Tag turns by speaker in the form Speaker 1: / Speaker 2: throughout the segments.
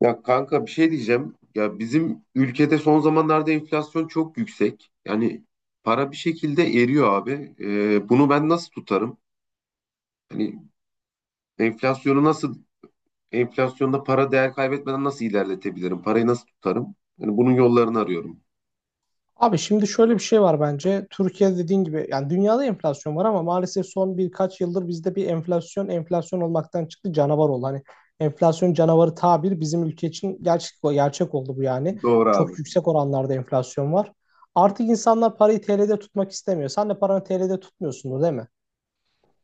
Speaker 1: Ya kanka bir şey diyeceğim. Ya bizim ülkede son zamanlarda enflasyon çok yüksek. Yani para bir şekilde eriyor abi. Bunu ben nasıl tutarım? Hani enflasyonu nasıl, enflasyonda para değer kaybetmeden nasıl ilerletebilirim? Parayı nasıl tutarım? Yani bunun yollarını arıyorum.
Speaker 2: Abi şimdi şöyle bir şey var bence. Türkiye dediğin gibi yani dünyada enflasyon var ama maalesef son birkaç yıldır bizde bir enflasyon enflasyon olmaktan çıktı canavar oldu. Hani enflasyon canavarı tabir bizim ülke için gerçek, gerçek oldu bu yani.
Speaker 1: Doğru abi.
Speaker 2: Çok yüksek oranlarda enflasyon var. Artık insanlar parayı TL'de tutmak istemiyor. Sen de paranı TL'de tutmuyorsundur değil mi?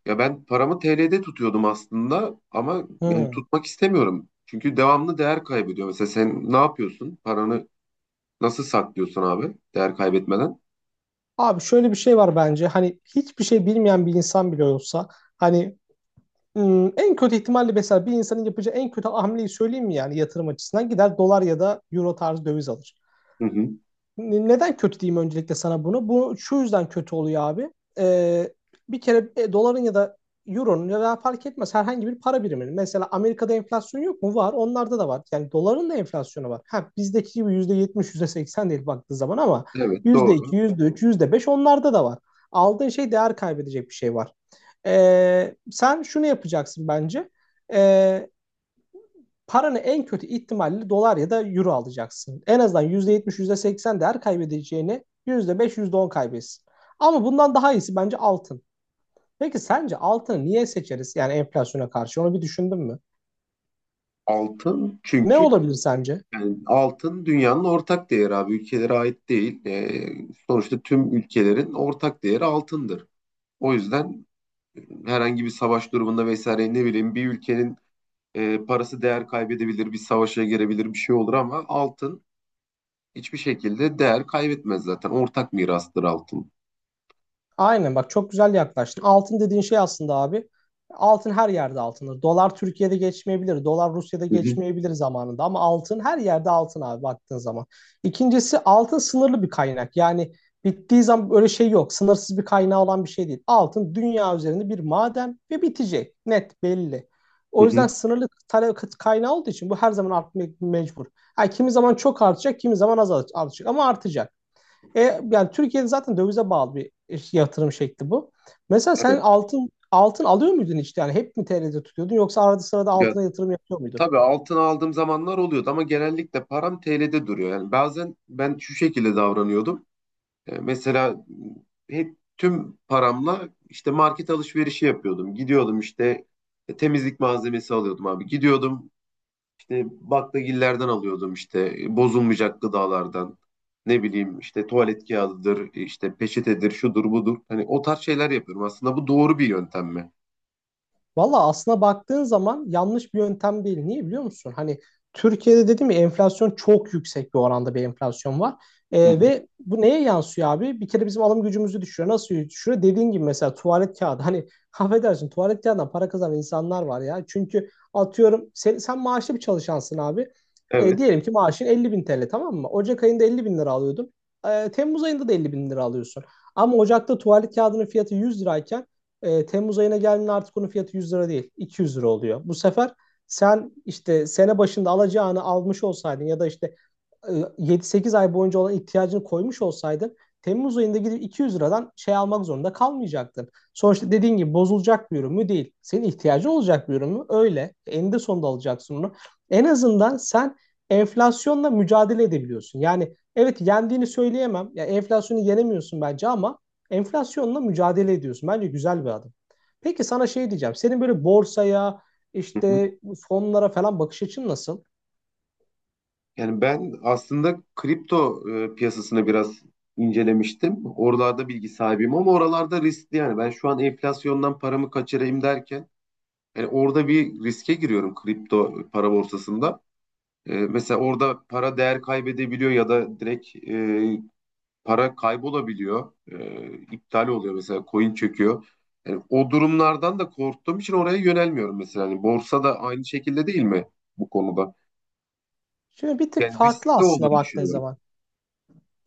Speaker 1: Ya ben paramı TL'de tutuyordum aslında ama yani
Speaker 2: Hmm.
Speaker 1: tutmak istemiyorum. Çünkü devamlı değer kaybediyor. Mesela sen ne yapıyorsun? Paranı nasıl saklıyorsun abi değer kaybetmeden?
Speaker 2: Abi şöyle bir şey var bence. Hani hiçbir şey bilmeyen bir insan bile olsa hani en kötü ihtimalle mesela bir insanın yapacağı en kötü hamleyi söyleyeyim mi yani yatırım açısından gider dolar ya da euro tarzı döviz alır.
Speaker 1: Hı hı.
Speaker 2: Neden kötü diyeyim öncelikle sana bunu? Bu şu yüzden kötü oluyor abi. Ee, bir kere doların ya da euronun ya da fark etmez herhangi bir para biriminin. Mesela Amerika'da enflasyon yok mu? Var. Onlarda da var. Yani doların da enflasyonu var. Ha, bizdeki gibi %70, %80 değil baktığı zaman ama yüzde
Speaker 1: Evet
Speaker 2: yüzde iki
Speaker 1: doğru.
Speaker 2: yüzde üç yüzde beş onlarda da var. Aldığın şey değer kaybedecek bir şey var. Sen şunu yapacaksın bence. Ee, paranı en kötü ihtimalle dolar ya da euro alacaksın. En azından yüzde yetmiş yüzde seksen değer kaybedeceğini %5, %10 kaybetsin. Ama bundan daha iyisi bence altın. Peki sence altını niye seçeriz? Yani enflasyona karşı onu bir düşündün mü?
Speaker 1: Altın
Speaker 2: Ne
Speaker 1: çünkü
Speaker 2: olabilir sence?
Speaker 1: yani altın dünyanın ortak değeri abi. Ülkelere ait değil. Sonuçta tüm ülkelerin ortak değeri altındır. O yüzden herhangi bir savaş durumunda vesaire ne bileyim bir ülkenin parası değer kaybedebilir, bir savaşa girebilir bir şey olur ama altın hiçbir şekilde değer kaybetmez zaten. Ortak mirastır altın.
Speaker 2: Aynen bak çok güzel yaklaştın. Altın dediğin şey aslında abi. Altın her yerde altındır. Dolar Türkiye'de geçmeyebilir. Dolar Rusya'da
Speaker 1: Hı hı,
Speaker 2: geçmeyebilir zamanında. Ama altın her yerde altın abi baktığın zaman. İkincisi altın sınırlı bir kaynak. Yani bittiği zaman böyle şey yok. Sınırsız bir kaynağı olan bir şey değil. Altın dünya üzerinde bir maden ve bitecek. Net belli.
Speaker 1: hı
Speaker 2: O yüzden
Speaker 1: hı.
Speaker 2: sınırlı talep kaynağı olduğu için bu her zaman artmak mecbur. Ha kimi zaman çok artacak, kimi zaman az artacak ama artacak. Yani Türkiye'de zaten dövize bağlı bir yatırım şekli bu. Mesela sen
Speaker 1: Evet.
Speaker 2: altın altın alıyor muydun hiç? Yani hep mi TL'de tutuyordun yoksa arada sırada
Speaker 1: Ya,
Speaker 2: altına yatırım yapıyor muydun?
Speaker 1: tabii altın aldığım zamanlar oluyordu ama genellikle param TL'de duruyor. Yani bazen ben şu şekilde davranıyordum. Mesela hep tüm paramla işte market alışverişi yapıyordum. Gidiyordum işte temizlik malzemesi alıyordum abi. Gidiyordum işte baklagillerden alıyordum işte bozulmayacak gıdalardan. Ne bileyim işte tuvalet kağıdıdır, işte peçetedir, şudur budur. Hani o tarz şeyler yapıyorum. Aslında bu doğru bir yöntem mi?
Speaker 2: Valla aslına baktığın zaman yanlış bir yöntem değil. Niye biliyor musun? Hani Türkiye'de dedim ya enflasyon çok yüksek bir oranda bir enflasyon var.
Speaker 1: Hı hı.
Speaker 2: Ve bu neye yansıyor abi? Bir kere bizim alım gücümüzü düşürüyor. Nasıl düşürüyor? Dediğin gibi mesela tuvalet kağıdı. Hani affedersin tuvalet kağıdından para kazanan insanlar var ya. Çünkü atıyorum sen maaşlı bir çalışansın abi.
Speaker 1: Evet.
Speaker 2: Diyelim ki maaşın 50 bin TL tamam mı? Ocak ayında 50 bin lira alıyordun. Temmuz ayında da 50 bin lira alıyorsun. Ama Ocak'ta tuvalet kağıdının fiyatı 100 lirayken Temmuz ayına geldiğinde artık onun fiyatı 100 lira değil, 200 lira oluyor. Bu sefer sen işte sene başında alacağını almış olsaydın ya da işte e, 7-8 ay boyunca olan ihtiyacını koymuş olsaydın Temmuz ayında gidip 200 liradan şey almak zorunda kalmayacaktın. Sonuçta dediğin gibi bozulacak bir ürün mü değil. Senin ihtiyacı olacak bir ürün mü? Öyle. Eninde sonunda alacaksın onu. En azından sen enflasyonla mücadele edebiliyorsun. Yani evet yendiğini söyleyemem. Ya enflasyonu yenemiyorsun bence ama enflasyonla mücadele ediyorsun. Bence güzel bir adım. Peki sana şey diyeceğim. Senin böyle borsaya, işte bu fonlara falan bakış açın nasıl?
Speaker 1: Yani ben aslında kripto piyasasını biraz incelemiştim. Oralarda bilgi sahibiyim ama oralarda riskli yani. Ben şu an enflasyondan paramı kaçırayım derken yani orada bir riske giriyorum kripto para borsasında. Mesela orada para değer kaybedebiliyor ya da direkt para kaybolabiliyor. İptal oluyor mesela coin çöküyor. Yani o durumlardan da korktuğum için oraya yönelmiyorum mesela. Yani borsa da aynı şekilde değil mi bu konuda?
Speaker 2: Şimdi bir tık
Speaker 1: Yani
Speaker 2: farklı
Speaker 1: riskli
Speaker 2: aslında
Speaker 1: olduğunu
Speaker 2: baktığın
Speaker 1: düşünüyorum.
Speaker 2: zaman.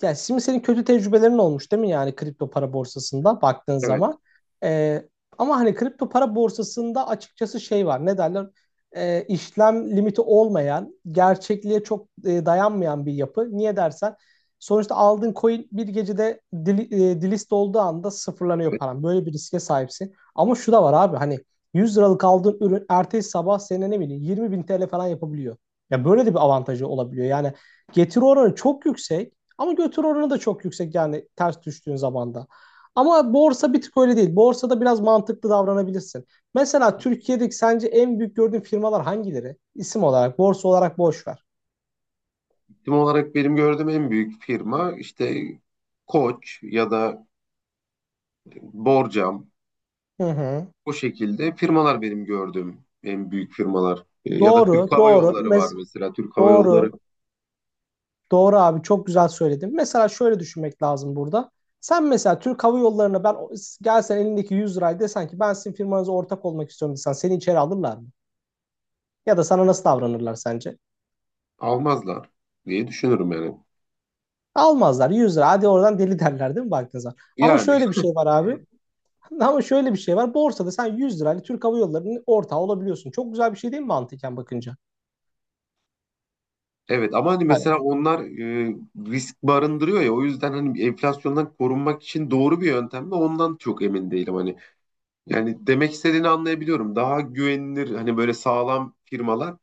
Speaker 2: Ya şimdi senin kötü tecrübelerin olmuş değil mi yani kripto para borsasında baktığın
Speaker 1: Evet, evet.
Speaker 2: zaman. Ee, ama hani kripto para borsasında açıkçası şey var ne derler işlem limiti olmayan gerçekliğe çok dayanmayan bir yapı. Niye dersen sonuçta aldığın coin bir gecede delist olduğu anda sıfırlanıyor paran. Böyle bir riske sahipsin. Ama şu da var abi hani 100 liralık aldığın ürün ertesi sabah senin ne bileyim 20 bin TL falan yapabiliyor. Ya böyle de bir avantajı olabiliyor. Yani getiri oranı çok yüksek. Ama götür oranı da çok yüksek yani ters düştüğün zaman da. Ama borsa bir tık öyle değil. Borsada biraz mantıklı davranabilirsin. Mesela Türkiye'deki sence en büyük gördüğün firmalar hangileri? İsim olarak, borsa olarak boş ver.
Speaker 1: Firma olarak benim gördüğüm en büyük firma işte Koç ya da Borcam.
Speaker 2: Hı hı.
Speaker 1: O şekilde firmalar benim gördüğüm en büyük firmalar. Ya da Türk
Speaker 2: Doğru,
Speaker 1: Hava
Speaker 2: doğru.
Speaker 1: Yolları var mesela. Türk Hava Yolları
Speaker 2: Doğru. Doğru abi çok güzel söyledin. Mesela şöyle düşünmek lazım burada. Sen mesela Türk Hava Yolları'na ben gelsen elindeki 100 lirayı desen ki ben sizin firmanıza ortak olmak istiyorum desen seni içeri alırlar mı? Ya da sana nasıl davranırlar sence?
Speaker 1: almazlar diye düşünürüm yani.
Speaker 2: Almazlar 100 lira. Hadi oradan deli derler değil mi Baltazar? Ama
Speaker 1: Yani
Speaker 2: şöyle bir şey var abi. Ama şöyle bir şey var. Borsada sen 100 lirayla Türk Hava Yolları'nın ortağı olabiliyorsun. Çok güzel bir şey değil mi mantıken bakınca?
Speaker 1: evet ama hani
Speaker 2: Hani
Speaker 1: mesela onlar risk barındırıyor ya o yüzden hani enflasyondan korunmak için doğru bir yöntem mi ondan çok emin değilim hani. Yani demek istediğini anlayabiliyorum. Daha güvenilir hani böyle sağlam firmalar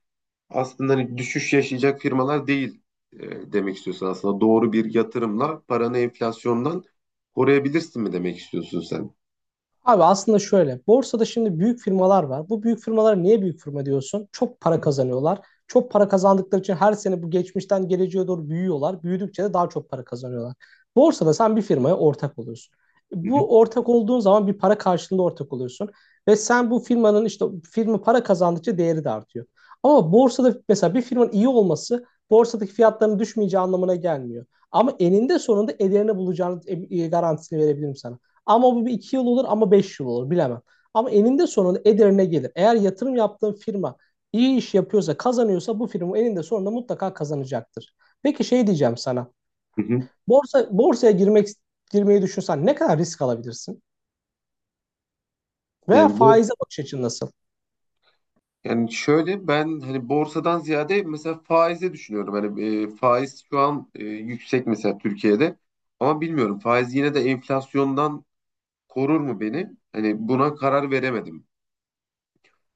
Speaker 1: aslında hani düşüş yaşayacak firmalar değil demek istiyorsun aslında. Doğru bir yatırımla paranı enflasyondan koruyabilirsin mi demek istiyorsun sen?
Speaker 2: Abi aslında şöyle, borsada şimdi büyük firmalar var. Bu büyük firmalara niye büyük firma diyorsun? Çok para kazanıyorlar. Çok para kazandıkları için her sene bu geçmişten geleceğe doğru büyüyorlar. Büyüdükçe de daha çok para kazanıyorlar. Borsada sen bir firmaya ortak oluyorsun.
Speaker 1: Hı hı,
Speaker 2: Bu ortak olduğun zaman bir para karşılığında ortak oluyorsun. Ve sen bu firmanın işte firma para kazandıkça değeri de artıyor. Ama borsada mesela bir firmanın iyi olması borsadaki fiyatların düşmeyeceği anlamına gelmiyor. Ama eninde sonunda ederini bulacağını garantisini verebilirim sana. Ama bu bir iki yıl olur ama beş yıl olur bilemem. Ama eninde sonunda ederine gelir. Eğer yatırım yaptığın firma iyi iş yapıyorsa, kazanıyorsa bu firma eninde sonunda mutlaka kazanacaktır. Peki şey diyeceğim sana.
Speaker 1: hı hı.
Speaker 2: Borsaya girmeyi düşünsen ne kadar risk alabilirsin? Veya
Speaker 1: Yani bors
Speaker 2: faize bakış açın nasıl?
Speaker 1: Yani şöyle ben hani borsadan ziyade mesela faize düşünüyorum. Hani faiz şu an yüksek mesela Türkiye'de. Ama bilmiyorum faiz yine de enflasyondan korur mu beni? Hani buna karar veremedim.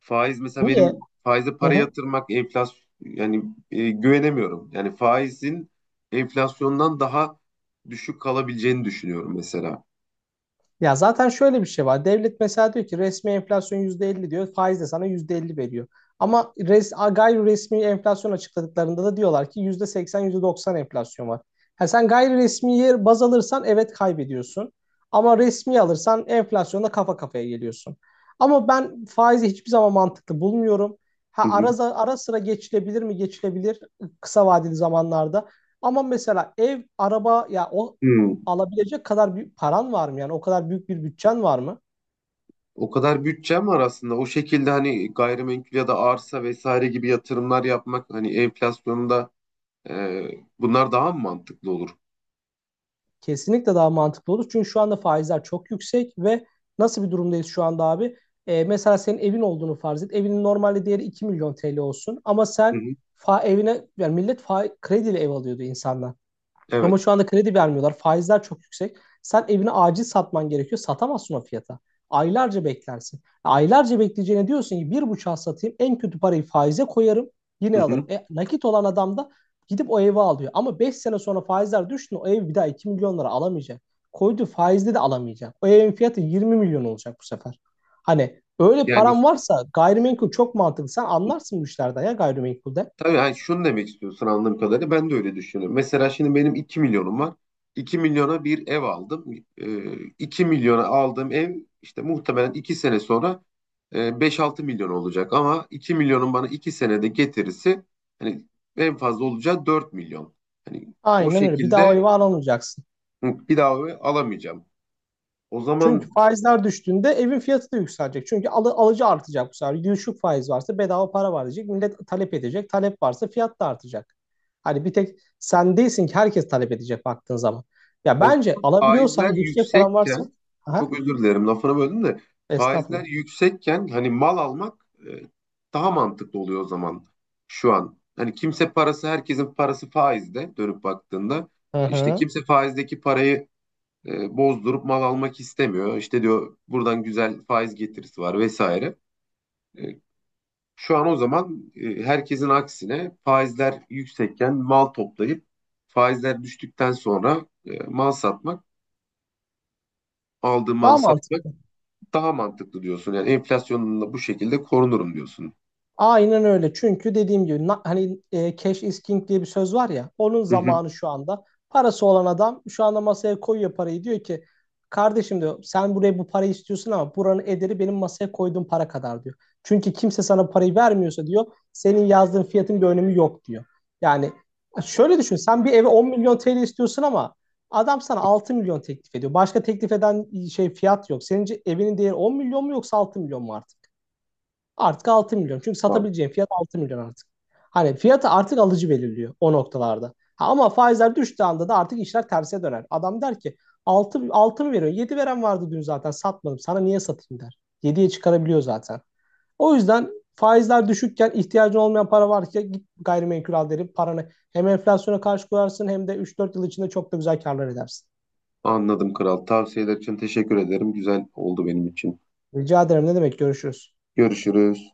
Speaker 1: Faiz mesela benim
Speaker 2: Niye?
Speaker 1: Faize
Speaker 2: Hı
Speaker 1: para
Speaker 2: hı.
Speaker 1: yatırmak enflasyon yani güvenemiyorum. Yani faizin enflasyondan daha düşük kalabileceğini düşünüyorum mesela.
Speaker 2: Ya zaten şöyle bir şey var. Devlet mesela diyor ki resmi enflasyon %50 diyor. Faiz de sana %50 veriyor. Ama gayri resmi enflasyon açıkladıklarında da diyorlar ki %80, %90 enflasyon var. Ha sen gayri resmiye baz alırsan evet kaybediyorsun. Ama resmi alırsan enflasyonla kafa kafaya geliyorsun. Ama ben faizi hiçbir zaman mantıklı bulmuyorum. Ha
Speaker 1: Hı hı.
Speaker 2: ara sıra geçilebilir mi? Geçilebilir kısa vadeli zamanlarda. Ama mesela ev, araba ya o
Speaker 1: Hmm.
Speaker 2: alabilecek kadar bir paran var mı? Yani o kadar büyük bir bütçen var mı?
Speaker 1: O kadar bütçem var aslında. O şekilde hani gayrimenkul ya da arsa vesaire gibi yatırımlar yapmak hani enflasyonda e, bunlar daha mı mantıklı olur?
Speaker 2: Kesinlikle daha mantıklı olur. Çünkü şu anda faizler çok yüksek ve nasıl bir durumdayız şu anda abi? Mesela senin evin olduğunu farz et. Evinin normalde değeri 2 milyon TL olsun ama
Speaker 1: Hı
Speaker 2: sen
Speaker 1: hı.
Speaker 2: evine yani millet krediyle ev alıyordu insanlar. Ama
Speaker 1: Evet.
Speaker 2: şu anda kredi vermiyorlar. Faizler çok yüksek. Sen evini acil satman gerekiyor. Satamazsın o fiyata. Aylarca beklersin. Aylarca bekleyeceğine diyorsun ki bir buçuğa satayım. En kötü parayı faize koyarım.
Speaker 1: Hı
Speaker 2: Yine alırım.
Speaker 1: hı.
Speaker 2: Nakit olan adam da gidip o evi alıyor. Ama 5 sene sonra faizler düştü. O ev bir daha 2 milyon lira alamayacak. Koyduğu faizle de alamayacak. O evin fiyatı 20 milyon olacak bu sefer. Hani öyle
Speaker 1: Yani
Speaker 2: param varsa gayrimenkul çok mantıklı. Sen anlarsın bu işlerden ya gayrimenkulde.
Speaker 1: Tabii hani şunu demek istiyorsun anladığım kadarıyla ben de öyle düşünüyorum. Mesela şimdi benim 2 milyonum var. 2 milyona bir ev aldım. 2 milyona aldığım ev işte muhtemelen 2 sene sonra 5-6 milyon olacak. Ama 2 milyonun bana 2 senede getirisi hani en fazla olacağı 4 milyon. Hani o
Speaker 2: Aynen öyle. Bir daha o
Speaker 1: şekilde
Speaker 2: evi alamayacaksın.
Speaker 1: hı, bir daha o evi alamayacağım. O zaman
Speaker 2: Çünkü faizler düştüğünde evin fiyatı da yükselecek. Çünkü alıcı artacak bu sefer. Düşük faiz varsa bedava para var diyecek. Millet talep edecek. Talep varsa fiyat da artacak. Hani bir tek sen değilsin ki herkes talep edecek baktığın zaman. Ya
Speaker 1: O
Speaker 2: bence
Speaker 1: zaman
Speaker 2: alabiliyorsan
Speaker 1: faizler
Speaker 2: yüksek paran varsa
Speaker 1: yüksekken
Speaker 2: aha,
Speaker 1: çok özür dilerim lafını böldüm de faizler
Speaker 2: estağfurullah.
Speaker 1: yüksekken hani mal almak daha mantıklı oluyor o zaman şu an. Hani kimse parası herkesin parası faizde dönüp baktığında
Speaker 2: Hı
Speaker 1: işte
Speaker 2: hı.
Speaker 1: kimse faizdeki parayı bozdurup mal almak istemiyor. İşte diyor buradan güzel faiz getirisi var vesaire. E, Şu an o zaman herkesin aksine faizler yüksekken mal toplayıp faizler düştükten sonra mal satmak aldığım malı
Speaker 2: Daha
Speaker 1: satmak
Speaker 2: mantıklı.
Speaker 1: daha mantıklı diyorsun. Yani enflasyonla bu şekilde korunurum diyorsun.
Speaker 2: Aynen öyle. Çünkü dediğim gibi hani cash is king diye bir söz var ya. Onun
Speaker 1: Hı hı.
Speaker 2: zamanı şu anda. Parası olan adam şu anda masaya koyuyor parayı. Diyor ki kardeşim diyor sen buraya bu parayı istiyorsun ama buranın ederi benim masaya koyduğum para kadar diyor. Çünkü kimse sana parayı vermiyorsa diyor senin yazdığın fiyatın bir önemi yok diyor. Yani şöyle düşün sen bir eve 10 milyon TL istiyorsun ama adam sana 6 milyon teklif ediyor. Başka teklif eden şey fiyat yok. Senin evinin değeri 10 milyon mu yoksa 6 milyon mu artık? Artık 6 milyon. Çünkü
Speaker 1: An-
Speaker 2: satabileceğin fiyat 6 milyon artık. Hani fiyatı artık alıcı belirliyor o noktalarda. Ha, ama faizler düştüğü anda da artık işler terse döner. Adam der ki 6 6 mı veriyorsun? 7 veren vardı dün zaten satmadım. Sana niye satayım der. Yediye çıkarabiliyor zaten. O yüzden faizler düşükken ihtiyacın olmayan para var git gayrimenkul al derim. Paranı hem enflasyona karşı koyarsın hem de üç dört yıl içinde çok da güzel karlar edersin.
Speaker 1: Anladım kral. Tavsiyeler için teşekkür ederim. Güzel oldu benim için.
Speaker 2: Rica ederim ne demek görüşürüz.
Speaker 1: Görüşürüz.